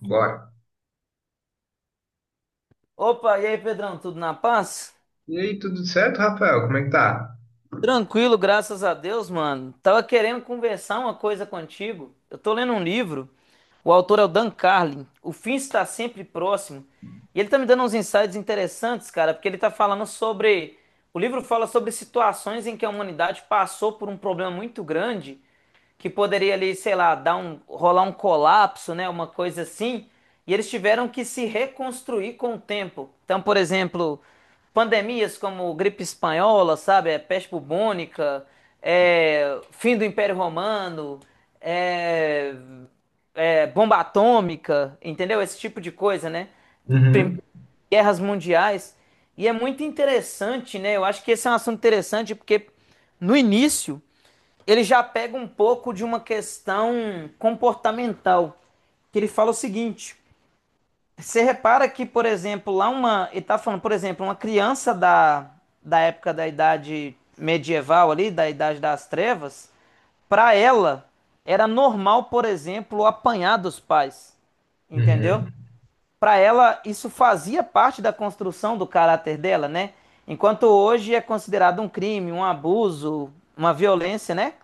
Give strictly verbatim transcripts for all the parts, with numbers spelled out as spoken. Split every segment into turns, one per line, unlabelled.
Bora.
Opa, e aí, Pedrão, tudo na paz?
E aí, tudo certo, Rafael? Como é que tá?
Tranquilo, graças a Deus, mano. Tava querendo conversar uma coisa contigo. Eu tô lendo um livro, o autor é o Dan Carlin, O Fim Está Sempre Próximo. E ele tá me dando uns insights interessantes, cara, porque ele tá falando sobre. O livro fala sobre situações em que a humanidade passou por um problema muito grande que poderia ali, sei lá, dar um, rolar um colapso, né, uma coisa assim, e eles tiveram que se reconstruir com o tempo. Então, por exemplo, pandemias como gripe espanhola, sabe, é, peste bubônica, é, fim do Império Romano, é, é, bomba atômica, entendeu? Esse tipo de coisa, né? Prim-
Uhum,
Guerras mundiais. E é muito interessante, né? Eu acho que esse é um assunto interessante porque no início ele já pega um pouco de uma questão comportamental, que ele fala o seguinte: você repara que, por exemplo, lá uma. Ele está falando, por exemplo, uma criança da, da época da idade medieval ali, da idade das trevas, para ela era normal, por exemplo, apanhar dos pais. Entendeu?
uhum.
Para ela, isso fazia parte da construção do caráter dela, né? Enquanto hoje é considerado um crime, um abuso, uma violência, né?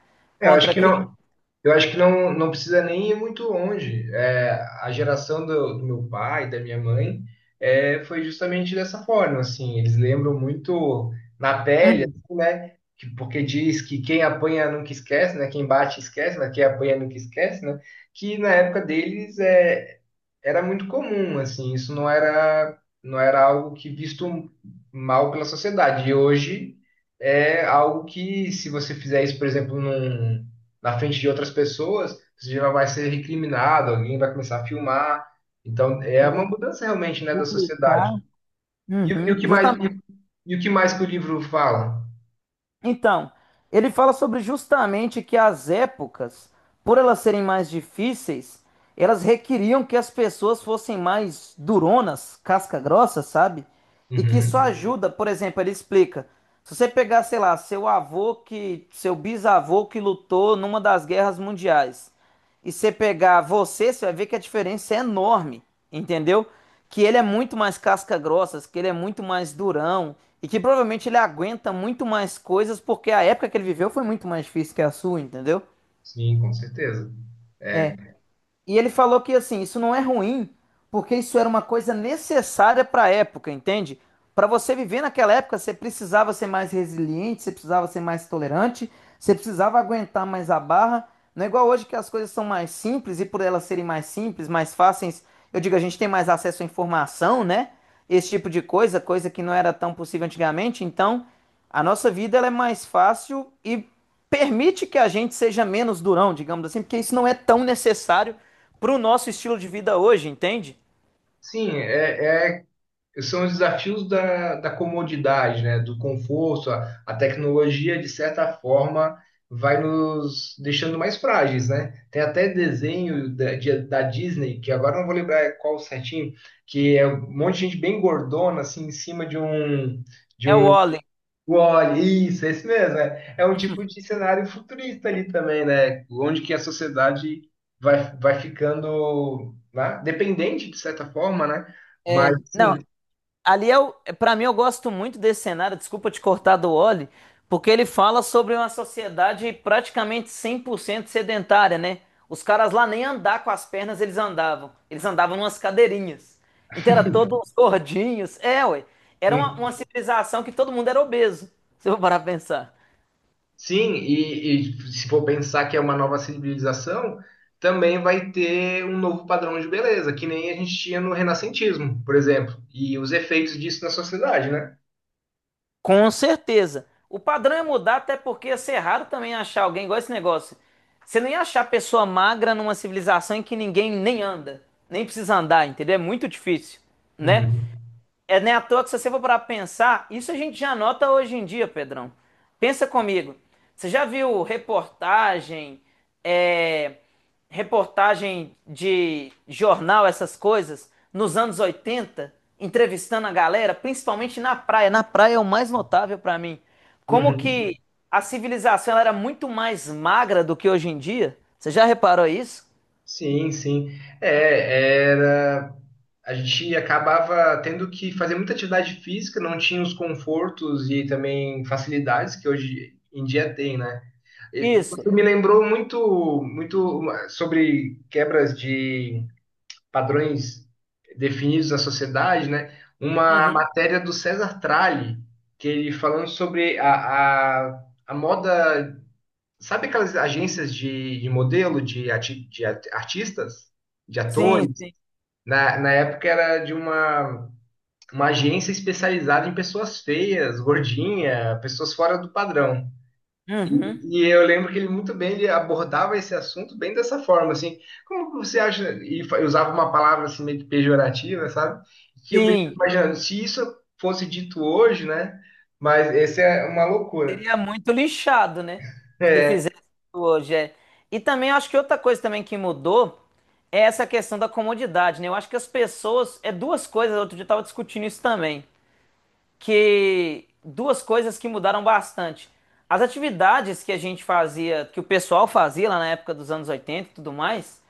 É, eu acho
Contra a
que
criança.
não. Eu acho que não, não precisa nem ir muito longe. É, a geração do, do meu pai, da minha mãe, é, foi justamente dessa forma, assim. Eles lembram muito na pele,
Hum.
assim, né? Que- Porque diz que quem apanha nunca esquece, né? Quem bate esquece, né? Quem apanha nunca esquece, né? Que na época deles é, era muito comum, assim. Isso não era, não era algo que visto mal pela sociedade. E hoje é algo que, se você fizer isso, por exemplo, num na frente de outras pessoas, você já vai ser recriminado, alguém vai começar a filmar. Então, é uma mudança realmente, né, da sociedade.
Publicar.
E, o e o
Uhum.
que mais, e, e o que mais que o livro fala?
Então, ele fala sobre justamente que as épocas, por elas serem mais difíceis, elas requeriam que as pessoas fossem mais duronas, casca grossa, sabe? E que isso
Uhum.
ajuda, por exemplo, ele explica. Se você pegar, sei lá, seu avô que, seu bisavô que lutou numa das guerras mundiais, e você pegar você, você vai ver que a diferença é enorme, entendeu? Que ele é muito mais casca grossa, que ele é muito mais durão. E que provavelmente ele aguenta muito mais coisas porque a época que ele viveu foi muito mais difícil que a sua, entendeu?
Sim, com certeza. É.
E ele falou que assim, isso não é ruim, porque isso era uma coisa necessária para a época, entende? Para você viver naquela época, você precisava ser mais resiliente, você precisava ser mais tolerante, você precisava aguentar mais a barra. Não é igual hoje que as coisas são mais simples e por elas serem mais simples, mais fáceis, eu digo, a gente tem mais acesso à informação, né? Esse tipo de coisa, coisa que não era tão possível antigamente. Então, a nossa vida ela é mais fácil e permite que a gente seja menos durão, digamos assim, porque isso não é tão necessário para o nosso estilo de vida hoje, entende?
Sim, é, é são os desafios da, da comodidade, né? Do conforto. A, a tecnologia, de certa forma, vai nos deixando mais frágeis, né? Tem até desenho da, de- da Disney, que agora não vou lembrar qual certinho, que é um monte de gente bem gordona, assim, em cima de um. De
É o
um.
Oli.
Olha, isso, é isso mesmo, né? É um tipo de cenário futurista ali também, né? Onde que a sociedade vai, vai ficando, né? Dependente, de certa forma, né? Mas,
Não,
sim,
ali é o, para mim eu gosto muito desse cenário, desculpa te cortar do Oli, porque ele fala sobre uma sociedade praticamente cem por cento sedentária, né? Os caras lá nem andar com as pernas eles andavam, eles andavam numas cadeirinhas. Então era todos gordinhos, é, ué. Era uma,
um.
uma civilização que todo mundo era obeso, se eu parar pra pensar.
Sim, e, e se for pensar que é uma nova civilização, também vai ter um novo padrão de beleza, que nem a gente tinha no renascentismo, por exemplo, e os efeitos disso na sociedade, né?
Com certeza. O padrão é mudar, até porque ia ser raro também achar alguém igual esse negócio. Você não ia achar pessoa magra numa civilização em que ninguém nem anda, nem precisa andar, entendeu? É muito difícil, né?
Uhum.
É nem à toa que se você for para pensar, isso a gente já nota hoje em dia, Pedrão. Pensa comigo. Você já viu reportagem, é, reportagem de jornal, essas coisas, nos anos oitenta entrevistando a galera, principalmente na praia. Na praia é o mais notável para mim. Como que
Uhum.
a civilização ela era muito mais magra do que hoje em dia? Você já reparou isso?
Sim, sim. É, era. A gente acabava tendo que fazer muita atividade física, não tinha os confortos e também facilidades que hoje em dia tem, né? E
Isso.
isso me lembrou muito, muito sobre quebras de padrões definidos da sociedade, né? Uma
Uhum.
matéria do César Tralli, que ele falando sobre a, a, a moda. Sabe aquelas agências de, de modelo, de, ati- de art- artistas, de
Sim,
atores?
sim.
Na, na época era de uma, uma agência especializada em pessoas feias, gordinha, pessoas fora do padrão.
Uhum.
E, e eu lembro que ele muito bem ele abordava esse assunto bem dessa forma, assim, como que você acha, e fa- usava uma palavra assim meio que pejorativa, sabe? Que eu fico
Sim.
imaginando, se isso fosse dito hoje, né? Mas essa é uma loucura.
Seria muito lixado, né? Se
É,
fizesse isso hoje, é. E também eu acho que outra coisa também que mudou é essa questão da comodidade, né? Eu acho que as pessoas, é duas coisas, outro dia eu tava discutindo isso também que duas coisas que mudaram bastante. As atividades que a gente fazia, que o pessoal fazia lá na época dos anos oitenta e tudo mais,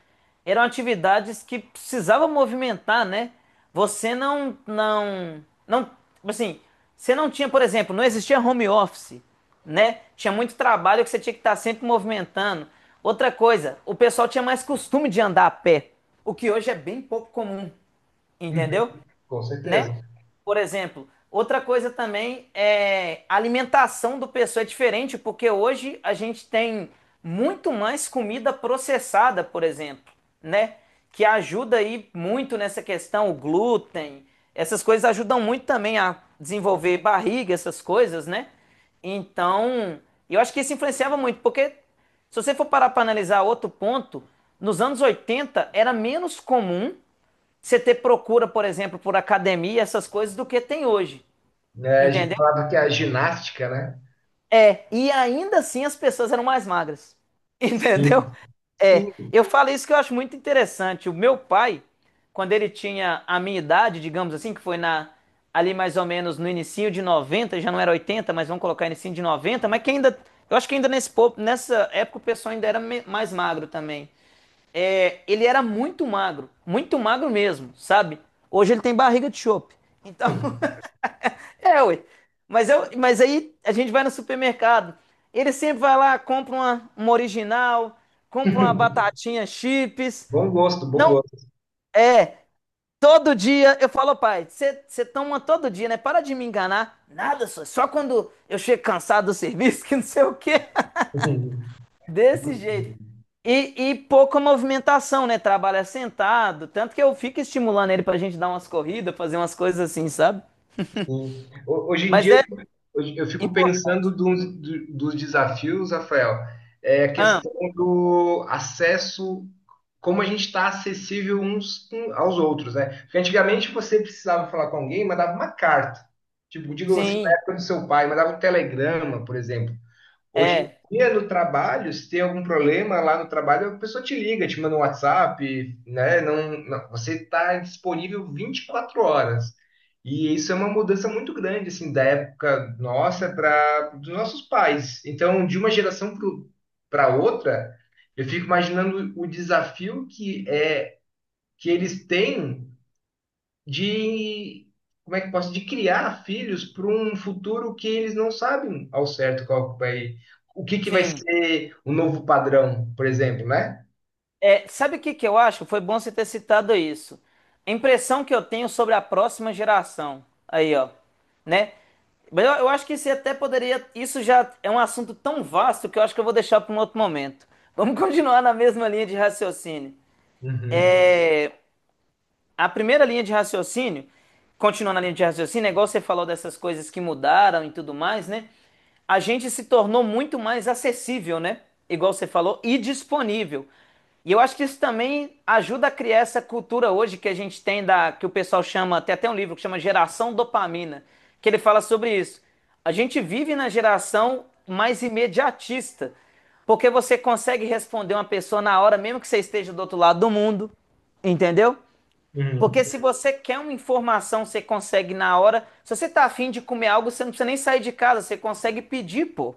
eram atividades que precisava movimentar, né? Você não, não, não, assim, você não tinha, por exemplo, não existia home office, né? Tinha muito trabalho que você tinha que estar sempre movimentando. Outra coisa, o pessoal tinha mais costume de andar a pé, o que hoje é bem pouco comum,
uhum,
entendeu?
com
Né?
certeza.
Por exemplo, outra coisa também é a alimentação do pessoal é diferente, porque hoje a gente tem muito mais comida processada, por exemplo, né? Que ajuda aí muito nessa questão, o glúten, essas coisas ajudam muito também a desenvolver barriga, essas coisas, né? Então, eu acho que isso influenciava muito, porque se você for parar para analisar outro ponto, nos anos oitenta era menos comum você ter procura, por exemplo, por academia, essas coisas, do que tem hoje.
É, a gente
Entendeu?
falava que é a ginástica, né?
É. E ainda assim as pessoas eram mais magras. Entendeu?
Sim.
É.
Sim.
Eu falo isso que eu acho muito interessante. O meu pai, quando ele tinha a minha idade, digamos assim, que foi na ali mais ou menos no início de noventa, já não era oitenta, mas vamos colocar início de noventa. Mas que ainda, eu acho que ainda nesse, po- nessa época o pessoal ainda era me- mais magro também, é, ele era muito magro, muito magro mesmo, sabe? Hoje ele tem barriga de chope. Então, é, ué. Mas, eu, mas aí a gente vai no supermercado. Ele sempre vai lá, compra uma, uma original, compra uma batatinha chips.
Bom gosto, bom
Não,
gosto.
é. Todo dia eu falo, pai, você toma todo dia, né? Para de me enganar. Nada, só, só quando eu chego cansado do serviço, que não sei o quê.
Muito
Desse jeito.
bom.
E, e pouca movimentação, né? Trabalha sentado. Tanto que eu fico estimulando ele pra gente dar umas corridas, fazer umas coisas assim, sabe?
Sim. Ho- Hoje em
Mas
dia,
é
hoje eu fico
importante.
pensando dos, do- dos desafios, Rafael, é a
Ah,
questão do acesso, como a gente está acessível uns com- aos outros, né? Porque antigamente você precisava falar com alguém, mandava uma carta. Tipo, digo assim, na
sim,
época do seu pai, mandava um telegrama, por exemplo. Hoje
é,
em dia, no trabalho, se tem algum problema lá no trabalho, a pessoa te liga, te manda um WhatsApp, né? Não, não- você está disponível vinte e quatro horas. E isso é uma mudança muito grande, assim, da época nossa para dos nossos pais. Então, de uma geração para outra, eu fico imaginando o desafio que é que eles têm de, como é que posso, de criar filhos para um futuro que eles não sabem ao certo qual que vai, o que que vai
sim.
ser o novo padrão, por exemplo, né?
É, sabe o que que eu acho? Foi bom você ter citado isso. A impressão que eu tenho sobre a próxima geração. Aí, ó. Né? Mas eu, eu acho que isso até poderia. Isso já é um assunto tão vasto que eu acho que eu vou deixar para um outro momento. Vamos continuar na mesma linha de raciocínio.
Uhum,
É, a primeira linha de raciocínio, continuando a linha de raciocínio, é igual você falou dessas coisas que mudaram e tudo mais, né? A gente se tornou muito mais acessível, né? Igual você falou, e disponível. E eu acho que isso também ajuda a criar essa cultura hoje que a gente tem da que o pessoal chama, tem até um livro que chama Geração Dopamina, que ele fala sobre isso. A gente vive na geração mais imediatista, porque você consegue responder uma pessoa na hora, mesmo que você esteja do outro lado do mundo, entendeu? Porque
uhum.
se você quer uma informação, você consegue na hora. Se você tá afim de comer algo, você não precisa nem sair de casa, você consegue pedir, pô.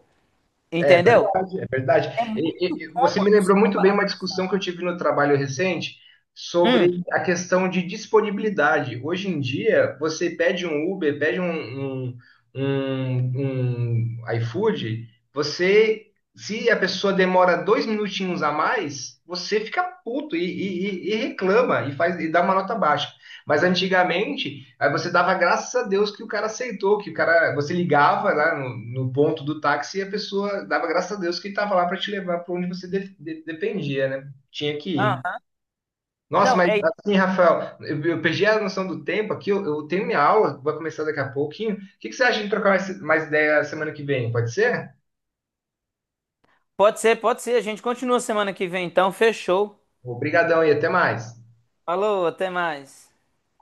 É
Entendeu?
verdade, é verdade. E-
Muito
e- e você me
cômodo
lembrou
você
muito bem
comparar.
uma discussão que eu tive no trabalho recente sobre
Hum.
a questão de disponibilidade. Hoje em dia, você pede um Uber, pede um, um, um, um iFood, você, se a pessoa demora dois minutinhos a mais, você fica puto e, e- e- e reclama e faz e dá uma nota baixa. Mas antigamente, aí você dava graças a Deus que o cara aceitou, que o cara, você ligava lá no, no ponto do táxi e a pessoa dava graças a Deus que ele estava lá para te levar para onde você de- de- dependia, né? Tinha que ir.
Aham.
Nossa,
Não,
mas
é.
assim, Rafael, eu, eu perdi a noção do tempo aqui, eu, eu tenho minha aula, vai começar daqui a pouquinho. O que, que você acha de trocar mais, mais ideia semana que vem? Pode ser?
Pode ser, pode ser. A gente continua semana que vem, então. Fechou.
Obrigadão e até mais.
Falou, até mais.